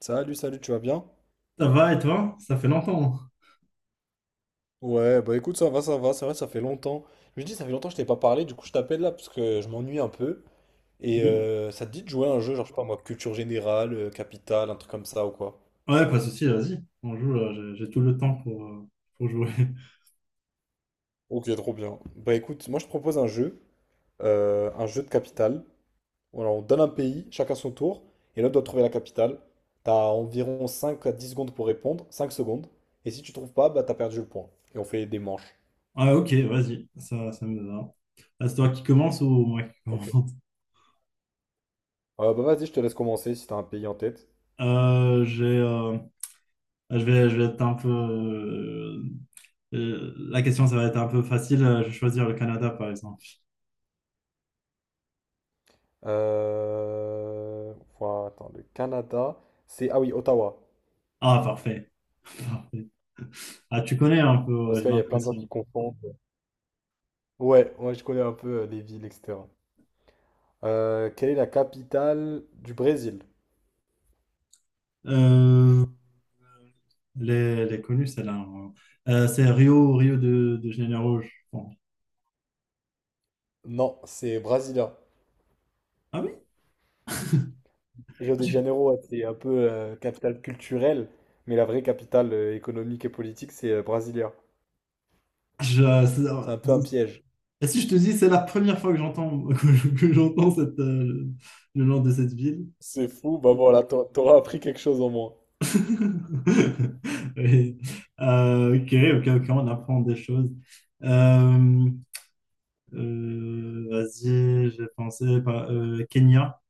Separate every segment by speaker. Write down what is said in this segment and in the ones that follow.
Speaker 1: Salut, salut, tu vas bien?
Speaker 2: Ça va et toi? Ça fait longtemps.
Speaker 1: Ouais, bah écoute, ça va, c'est vrai, ça fait longtemps. Je me dis, ça fait longtemps que je t'ai pas parlé, du coup je t'appelle là parce que je m'ennuie un peu. Et
Speaker 2: Oui,
Speaker 1: ça te dit de jouer à un jeu, genre je sais pas moi, culture générale, capitale, un truc comme ça ou quoi?
Speaker 2: ouais, pas de souci, vas-y. On joue, là, j'ai tout le temps pour jouer.
Speaker 1: Ok, trop bien. Bah écoute, moi je propose un jeu de capitale. Voilà, on donne un pays, chacun son tour, et l'autre doit trouver la capitale. T'as environ 5 à 10 secondes pour répondre, 5 secondes. Et si tu trouves pas, bah t'as perdu le point. Et on fait des manches.
Speaker 2: Ah, ok, vas-y, ça me va. Ah, c'est toi qui commence ou moi qui
Speaker 1: Ok.
Speaker 2: commence?
Speaker 1: Bah vas-y, je te laisse commencer si t'as un pays en tête.
Speaker 2: Euh, j'ai, euh, je vais être un peu. La question, ça va être un peu facile. Je vais choisir le Canada, par exemple.
Speaker 1: Euh, voilà, attends, le Canada, c'est... Ah oui, Ottawa.
Speaker 2: Ah, parfait. Parfait. Ah, tu connais un peu,
Speaker 1: Parce
Speaker 2: ouais, j'ai
Speaker 1: qu'il y a plein de gens qui
Speaker 2: l'impression.
Speaker 1: confondent. Ouais, moi je connais un peu les villes, etc. Quelle est la capitale du Brésil?
Speaker 2: Euh, les connus, celle-là. Hein. C'est Rio, Rio de Janeiro, je pense.
Speaker 1: Non, c'est Brasilia.
Speaker 2: Ah oui?
Speaker 1: Rio de Janeiro, ouais, c'est un peu capitale culturelle, mais la vraie capitale économique et politique, c'est Brasilia.
Speaker 2: Je-
Speaker 1: C'est un peu un
Speaker 2: c'est-
Speaker 1: piège.
Speaker 2: et si je te dis, c'est la première fois que j'entends que j'entends cette, le nom de cette ville.
Speaker 1: C'est fou, bah voilà, t'auras appris quelque chose au moins.
Speaker 2: Oui. Euh, ok, ok, on apprend des choses. Euh, vas-y, Kenya.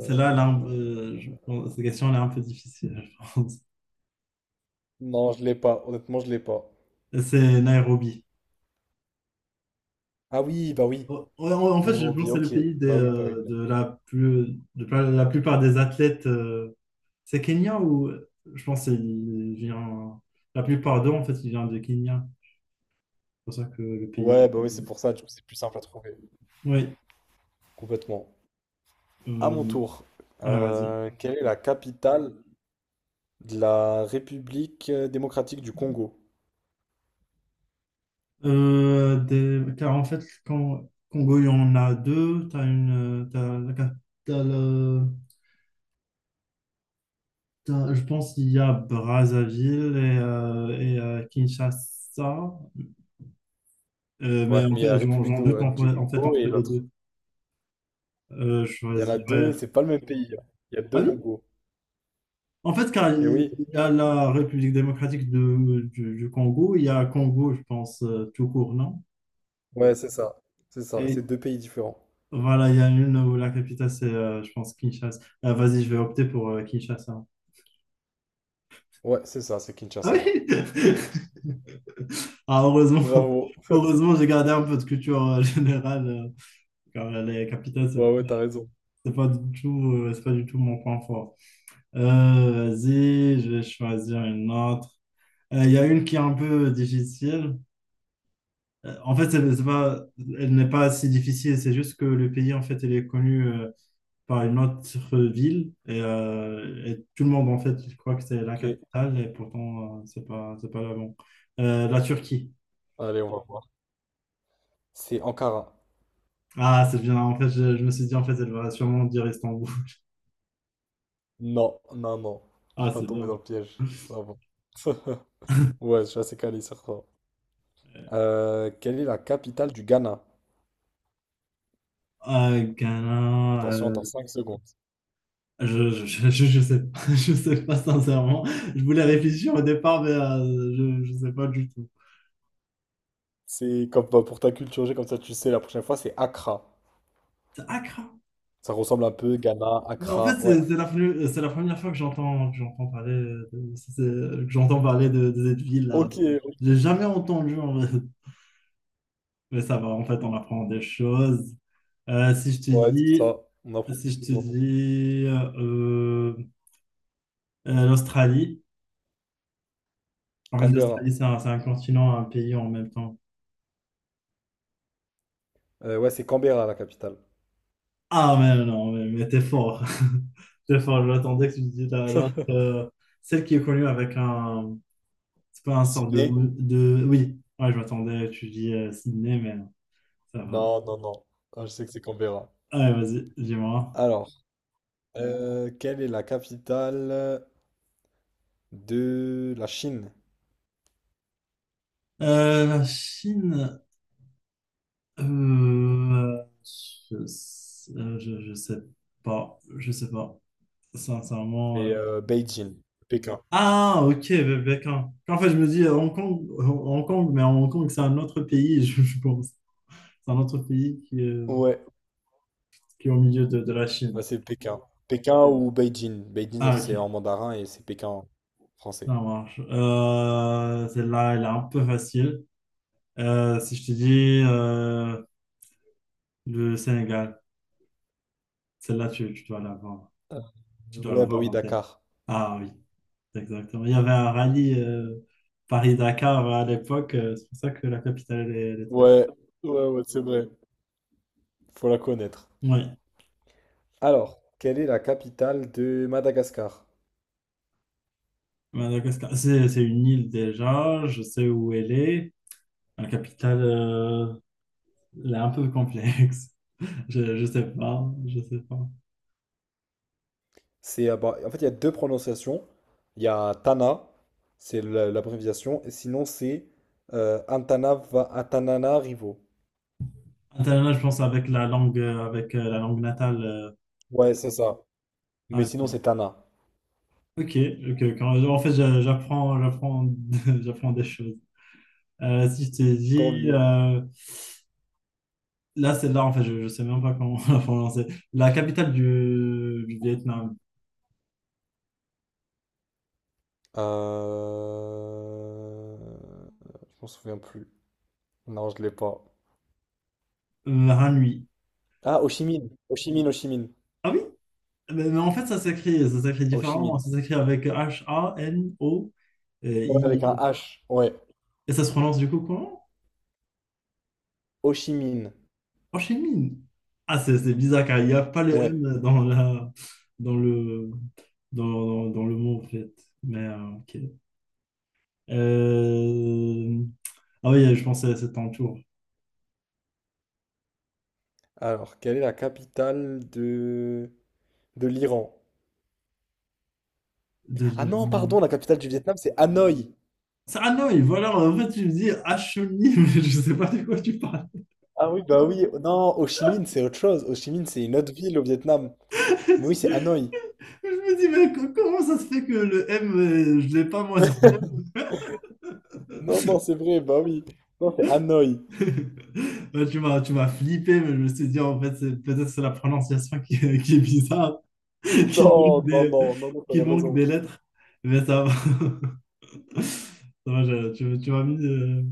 Speaker 2: Celle-là, cette question elle est un peu difficile, je pense.
Speaker 1: Non, je l'ai pas. Honnêtement, je l'ai pas.
Speaker 2: C'est Nairobi.
Speaker 1: Ah oui, bah oui.
Speaker 2: En fait, je pense
Speaker 1: Nairobi,
Speaker 2: que c'est le
Speaker 1: ok.
Speaker 2: pays
Speaker 1: Bah oui, bah oui. bah
Speaker 2: de
Speaker 1: oui.
Speaker 2: la plus, de la plupart des athlètes. Euh, c'est Kenya ou je pense qu'il vient. La plupart d'eux, en fait, ils viennent de Kenya. C'est pour ça que le pays.
Speaker 1: Ouais, bah oui, c'est pour ça, du coup, c'est plus simple à trouver.
Speaker 2: Oui.
Speaker 1: Complètement. À mon
Speaker 2: Euh...
Speaker 1: tour.
Speaker 2: Ouais, vas-y.
Speaker 1: Quelle est la capitale de la République démocratique du Congo?
Speaker 2: Des- car en fait, quand Congo, il y en a deux. T'as une. T'as la cap- t'as le- t'as- je pense qu'il y a Brazzaville et Kinshasa. Mais
Speaker 1: Ouais,
Speaker 2: en
Speaker 1: mais il y a
Speaker 2: fait,
Speaker 1: la
Speaker 2: j'en
Speaker 1: République
Speaker 2: j'en doute en
Speaker 1: du
Speaker 2: en fait,
Speaker 1: Congo
Speaker 2: entre
Speaker 1: et
Speaker 2: les
Speaker 1: l'autre.
Speaker 2: deux. Je
Speaker 1: Il y en a deux,
Speaker 2: choisirais.
Speaker 1: c'est pas le même pays, hein. Il y a
Speaker 2: Ah
Speaker 1: deux
Speaker 2: oui?
Speaker 1: Congos.
Speaker 2: En fait, car
Speaker 1: Et
Speaker 2: il
Speaker 1: oui,
Speaker 2: y a la République démocratique du Congo, il y a Congo, je pense, tout court, non?
Speaker 1: ouais, c'est ça. C'est ça,
Speaker 2: Et
Speaker 1: c'est deux pays différents.
Speaker 2: voilà, il y a une où la capitale, c'est, je pense, Kinshasa. Ah, vas-y, je vais opter pour Kinshasa.
Speaker 1: Ouais, c'est ça, c'est
Speaker 2: Ah
Speaker 1: Kinshasa.
Speaker 2: oui? Ah,
Speaker 1: Bravo.
Speaker 2: heureusement, j'ai gardé un peu de culture générale, car les capitales,
Speaker 1: Bravo, t'as raison.
Speaker 2: c'est pas du tout, c'est pas du tout mon point fort. Vas-y, je vais choisir une autre. Il y a une qui est un peu difficile. En fait, elle n'est pas si difficile, c'est juste que le pays, en fait, elle est connue par une autre ville et et tout le monde, en fait, il croit que c'est la
Speaker 1: Ok,
Speaker 2: capitale et pourtant, c'est pas là bon. La Turquie.
Speaker 1: allez, on va voir. C'est Ankara.
Speaker 2: Ah, c'est bien, en fait, je me suis dit, en fait, elle va sûrement dire Istanbul.
Speaker 1: Non, non, non. Je
Speaker 2: Ah,
Speaker 1: suis pas
Speaker 2: c'est
Speaker 1: tombé
Speaker 2: bien.
Speaker 1: dans le piège. Ça va. Ouais, je suis assez calé sur ça. Quelle est la capitale du Ghana?
Speaker 2: Ghana,
Speaker 1: Attention, t'as 5 secondes.
Speaker 2: je sais pas, je sais pas sincèrement. Je voulais réfléchir au départ, mais je sais pas du tout.
Speaker 1: C'est comme bah, pour ta culture G, comme ça tu sais, la prochaine fois, c'est Accra.
Speaker 2: C'est Accra.
Speaker 1: Ça ressemble un peu, Ghana,
Speaker 2: Mais en fait,
Speaker 1: Accra, ouais.
Speaker 2: c'est la première fois que j'entends parler de, que j'entends parler de cette ville-là.
Speaker 1: Ok, ok.
Speaker 2: J'ai jamais entendu, en fait. Mais ça va, en fait, on apprend des choses. Euh, si je te
Speaker 1: Ouais, c'est
Speaker 2: dis,
Speaker 1: ça. On apprend
Speaker 2: si je te
Speaker 1: toujours.
Speaker 2: dis l'Australie, en fait,
Speaker 1: Canberra.
Speaker 2: l'Australie, c'est un continent, un pays en même temps.
Speaker 1: Ouais, c'est Canberra la capitale.
Speaker 2: Ah, mais non, mais t'es fort. T'es fort, j'attendais que tu me dises l'autre, celle qui est connue avec un, c'est pas un sort
Speaker 1: Sydney?
Speaker 2: de... Oui, ouais, je m'attendais, tu dis Sydney, mais ça va.
Speaker 1: Non, non, non. Ah, je sais que c'est Canberra.
Speaker 2: Allez, vas-y, dis-moi.
Speaker 1: Alors, quelle est la capitale de la Chine?
Speaker 2: La Chine, euh, je, sais- euh, je, je sais je sais pas, sincèrement. Euh.
Speaker 1: C'est Beijing. Pékin.
Speaker 2: Ah, ok, quand- en fait, je me dis Hong Kong, mais Hong Kong, c'est un autre pays, je pense. C'est un autre pays
Speaker 1: Ouais.
Speaker 2: qui est au milieu de la Chine.
Speaker 1: Ouais, c'est Pékin. Pékin ou Beijing. Beijing, ça,
Speaker 2: Ah,
Speaker 1: c'est
Speaker 2: ok,
Speaker 1: en mandarin et c'est Pékin en
Speaker 2: ça
Speaker 1: français.
Speaker 2: marche. Celle-là, elle est un peu facile. Si je te dis le Sénégal, celle-là, tu dois l'avoir, tu dois la
Speaker 1: Ouais, bah
Speaker 2: voir
Speaker 1: oui,
Speaker 2: en tête.
Speaker 1: Dakar.
Speaker 2: Ah oui, exactement. Il y avait un rallye Paris-Dakar à l'époque, c'est pour ça que la capitale, elle est très-
Speaker 1: Ouais, ouais, ouais, c'est vrai. Faut la connaître.
Speaker 2: oui,
Speaker 1: Alors, quelle est la capitale de Madagascar?
Speaker 2: Madagascar. C'est une île déjà, je sais où elle est. La capitale, elle est un peu complexe. Je sais pas, je sais pas.
Speaker 1: C'est, bah, en fait, il y a deux prononciations. Il y a Tana, c'est l'abréviation, et sinon c'est Antananarivo.
Speaker 2: Internet, je pense avec la langue natale. Euh,
Speaker 1: Ouais, c'est ça. Mais
Speaker 2: ah,
Speaker 1: sinon
Speaker 2: ok.
Speaker 1: c'est Tana.
Speaker 2: Ok, ok, quand, en fait, j'apprends des choses. Si je t'ai
Speaker 1: Tant
Speaker 2: dit,
Speaker 1: mieux.
Speaker 2: c'est là, en fait, je sais même pas comment la prononcer. La capitale du Vietnam,
Speaker 1: Euh... Je m'en souviens plus. Non, je l'ai pas.
Speaker 2: Hanoi.
Speaker 1: Ah, Ho Chi Minh. Ho Chi Minh, Ho Chi Minh.
Speaker 2: Ah oui? Mais en fait, ça s'écrit
Speaker 1: Ho Chi
Speaker 2: différemment.
Speaker 1: Minh.
Speaker 2: Ça s'écrit avec HANO,
Speaker 1: Ouais, avec un
Speaker 2: I.
Speaker 1: H. Ouais.
Speaker 2: Et ça se prononce du coup comment?
Speaker 1: Ho Chi Minh.
Speaker 2: Ho Chi Minh. Ah, c'est bizarre car il n'y a pas le
Speaker 1: Ouais.
Speaker 2: N dans la, dans le, dans, dans le mot, en fait. Mais, ok. Euh, ah oui, je pensais à cet entour
Speaker 1: Alors, quelle est la capitale de l'Iran?
Speaker 2: de
Speaker 1: Ah non, pardon,
Speaker 2: l'Irlande.
Speaker 1: la capitale du Vietnam, c'est Hanoï.
Speaker 2: Ah non, et voilà, en fait, tu me dis Achony, mais je sais pas de quoi tu parles.
Speaker 1: Ah oui, bah oui. Non, Ho Chi Minh, c'est autre chose. Ho Chi Minh, c'est une autre ville au Vietnam. Mais oui, c'est Hanoï.
Speaker 2: Je me dis, mais co- comment ça se fait que le M, je l'ai pas moi dans
Speaker 1: Non, non, c'est vrai, bah oui. Non, c'est Hanoï.
Speaker 2: ouais, tu m'as flippé, mais je me suis dit, en fait, c'est- peut-être c'est la prononciation est qui est bizarre,
Speaker 1: Non,
Speaker 2: qu'il manque
Speaker 1: non,
Speaker 2: des,
Speaker 1: non, non, non,
Speaker 2: qu'il
Speaker 1: t'avais
Speaker 2: manque
Speaker 1: raison.
Speaker 2: des lettres, mais ça va. Ça va, je- tu m'as mis,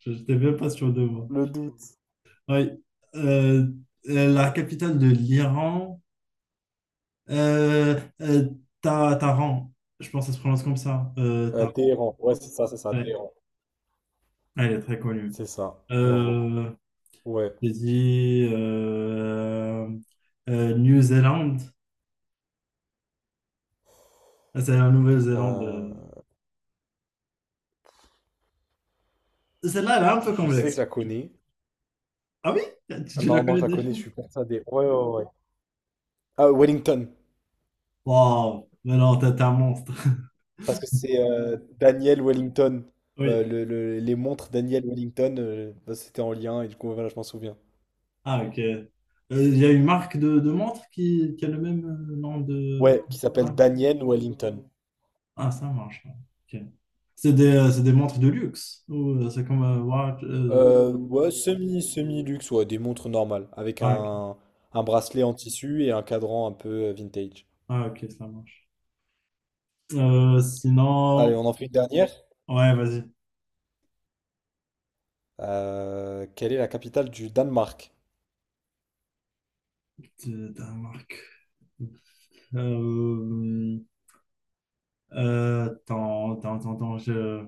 Speaker 2: je n'étais même pas sûr de moi.
Speaker 1: Le doute.
Speaker 2: Oui. Euh, la capitale de l'Iran, euh, euh, Ta- Taran, je pense que ça se prononce comme ça. Taran.
Speaker 1: Téhéran. Ouais, c'est ça,
Speaker 2: Ouais.
Speaker 1: Téhéran.
Speaker 2: Elle est très connue.
Speaker 1: C'est ça. Bravo.
Speaker 2: Euh,
Speaker 1: Ouais.
Speaker 2: j'ai dit New Zealand, ah, c'est la Nouvelle-Zélande.
Speaker 1: Euh,
Speaker 2: Euh. Celle-là, elle est un peu
Speaker 1: je sais que
Speaker 2: complexe.
Speaker 1: je la connais.
Speaker 2: Ah oui? Tu la
Speaker 1: Non, non,
Speaker 2: connais
Speaker 1: je la
Speaker 2: déjà?
Speaker 1: connais, je suis persuadé. Ouais, ouais, ouais. Ah, Wellington.
Speaker 2: Wow, mais non, t'es un monstre.
Speaker 1: Parce que c'est Daniel Wellington.
Speaker 2: Oui.
Speaker 1: Les montres Daniel Wellington, bah, c'était en lien et du coup, voilà, je m'en souviens.
Speaker 2: Ah, ok. Il y a une marque de montre qui a le même nom de.
Speaker 1: Ouais, qui s'appelle
Speaker 2: Ah,
Speaker 1: Daniel Wellington.
Speaker 2: ah, ça marche. Ouais. Ok. C'est des montres de luxe ou c'est comme watch. Euh,
Speaker 1: Ouais, semi-luxe, ouais, des montres normales. Avec
Speaker 2: ah, ok.
Speaker 1: un bracelet en tissu et un cadran un peu vintage.
Speaker 2: Ah, ok, ça marche.
Speaker 1: Allez,
Speaker 2: Sinon,
Speaker 1: on en fait une dernière.
Speaker 2: ouais, vas-y.
Speaker 1: Quelle est la capitale du Danemark?
Speaker 2: De ta marque. Euh, attends, je,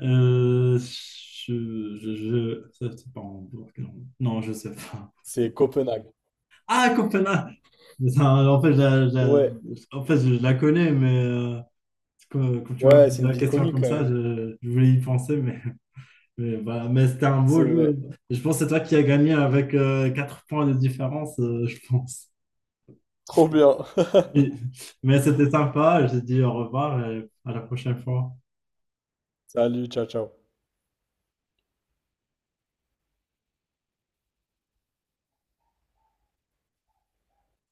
Speaker 2: euh, je, je, je- ça, c'est pas en bloc, non, je sais pas.
Speaker 1: C'est Copenhague.
Speaker 2: Ah, Copenhague! Putain, en fait, je la-
Speaker 1: Ouais,
Speaker 2: en fait, je la connais, mais quand tu m'as
Speaker 1: ouais,
Speaker 2: posé
Speaker 1: c'est une
Speaker 2: la
Speaker 1: ville
Speaker 2: question
Speaker 1: connue
Speaker 2: comme
Speaker 1: quand
Speaker 2: ça,
Speaker 1: même.
Speaker 2: je voulais y penser, mais, bah, mais c'était un
Speaker 1: C'est
Speaker 2: beau jeu.
Speaker 1: vrai.
Speaker 2: Je pense que c'est toi qui as gagné avec 4 points de différence, je pense.
Speaker 1: Trop bien.
Speaker 2: Oui. Mais c'était sympa. J'ai dit au revoir et à la prochaine fois.
Speaker 1: Salut, ciao, ciao.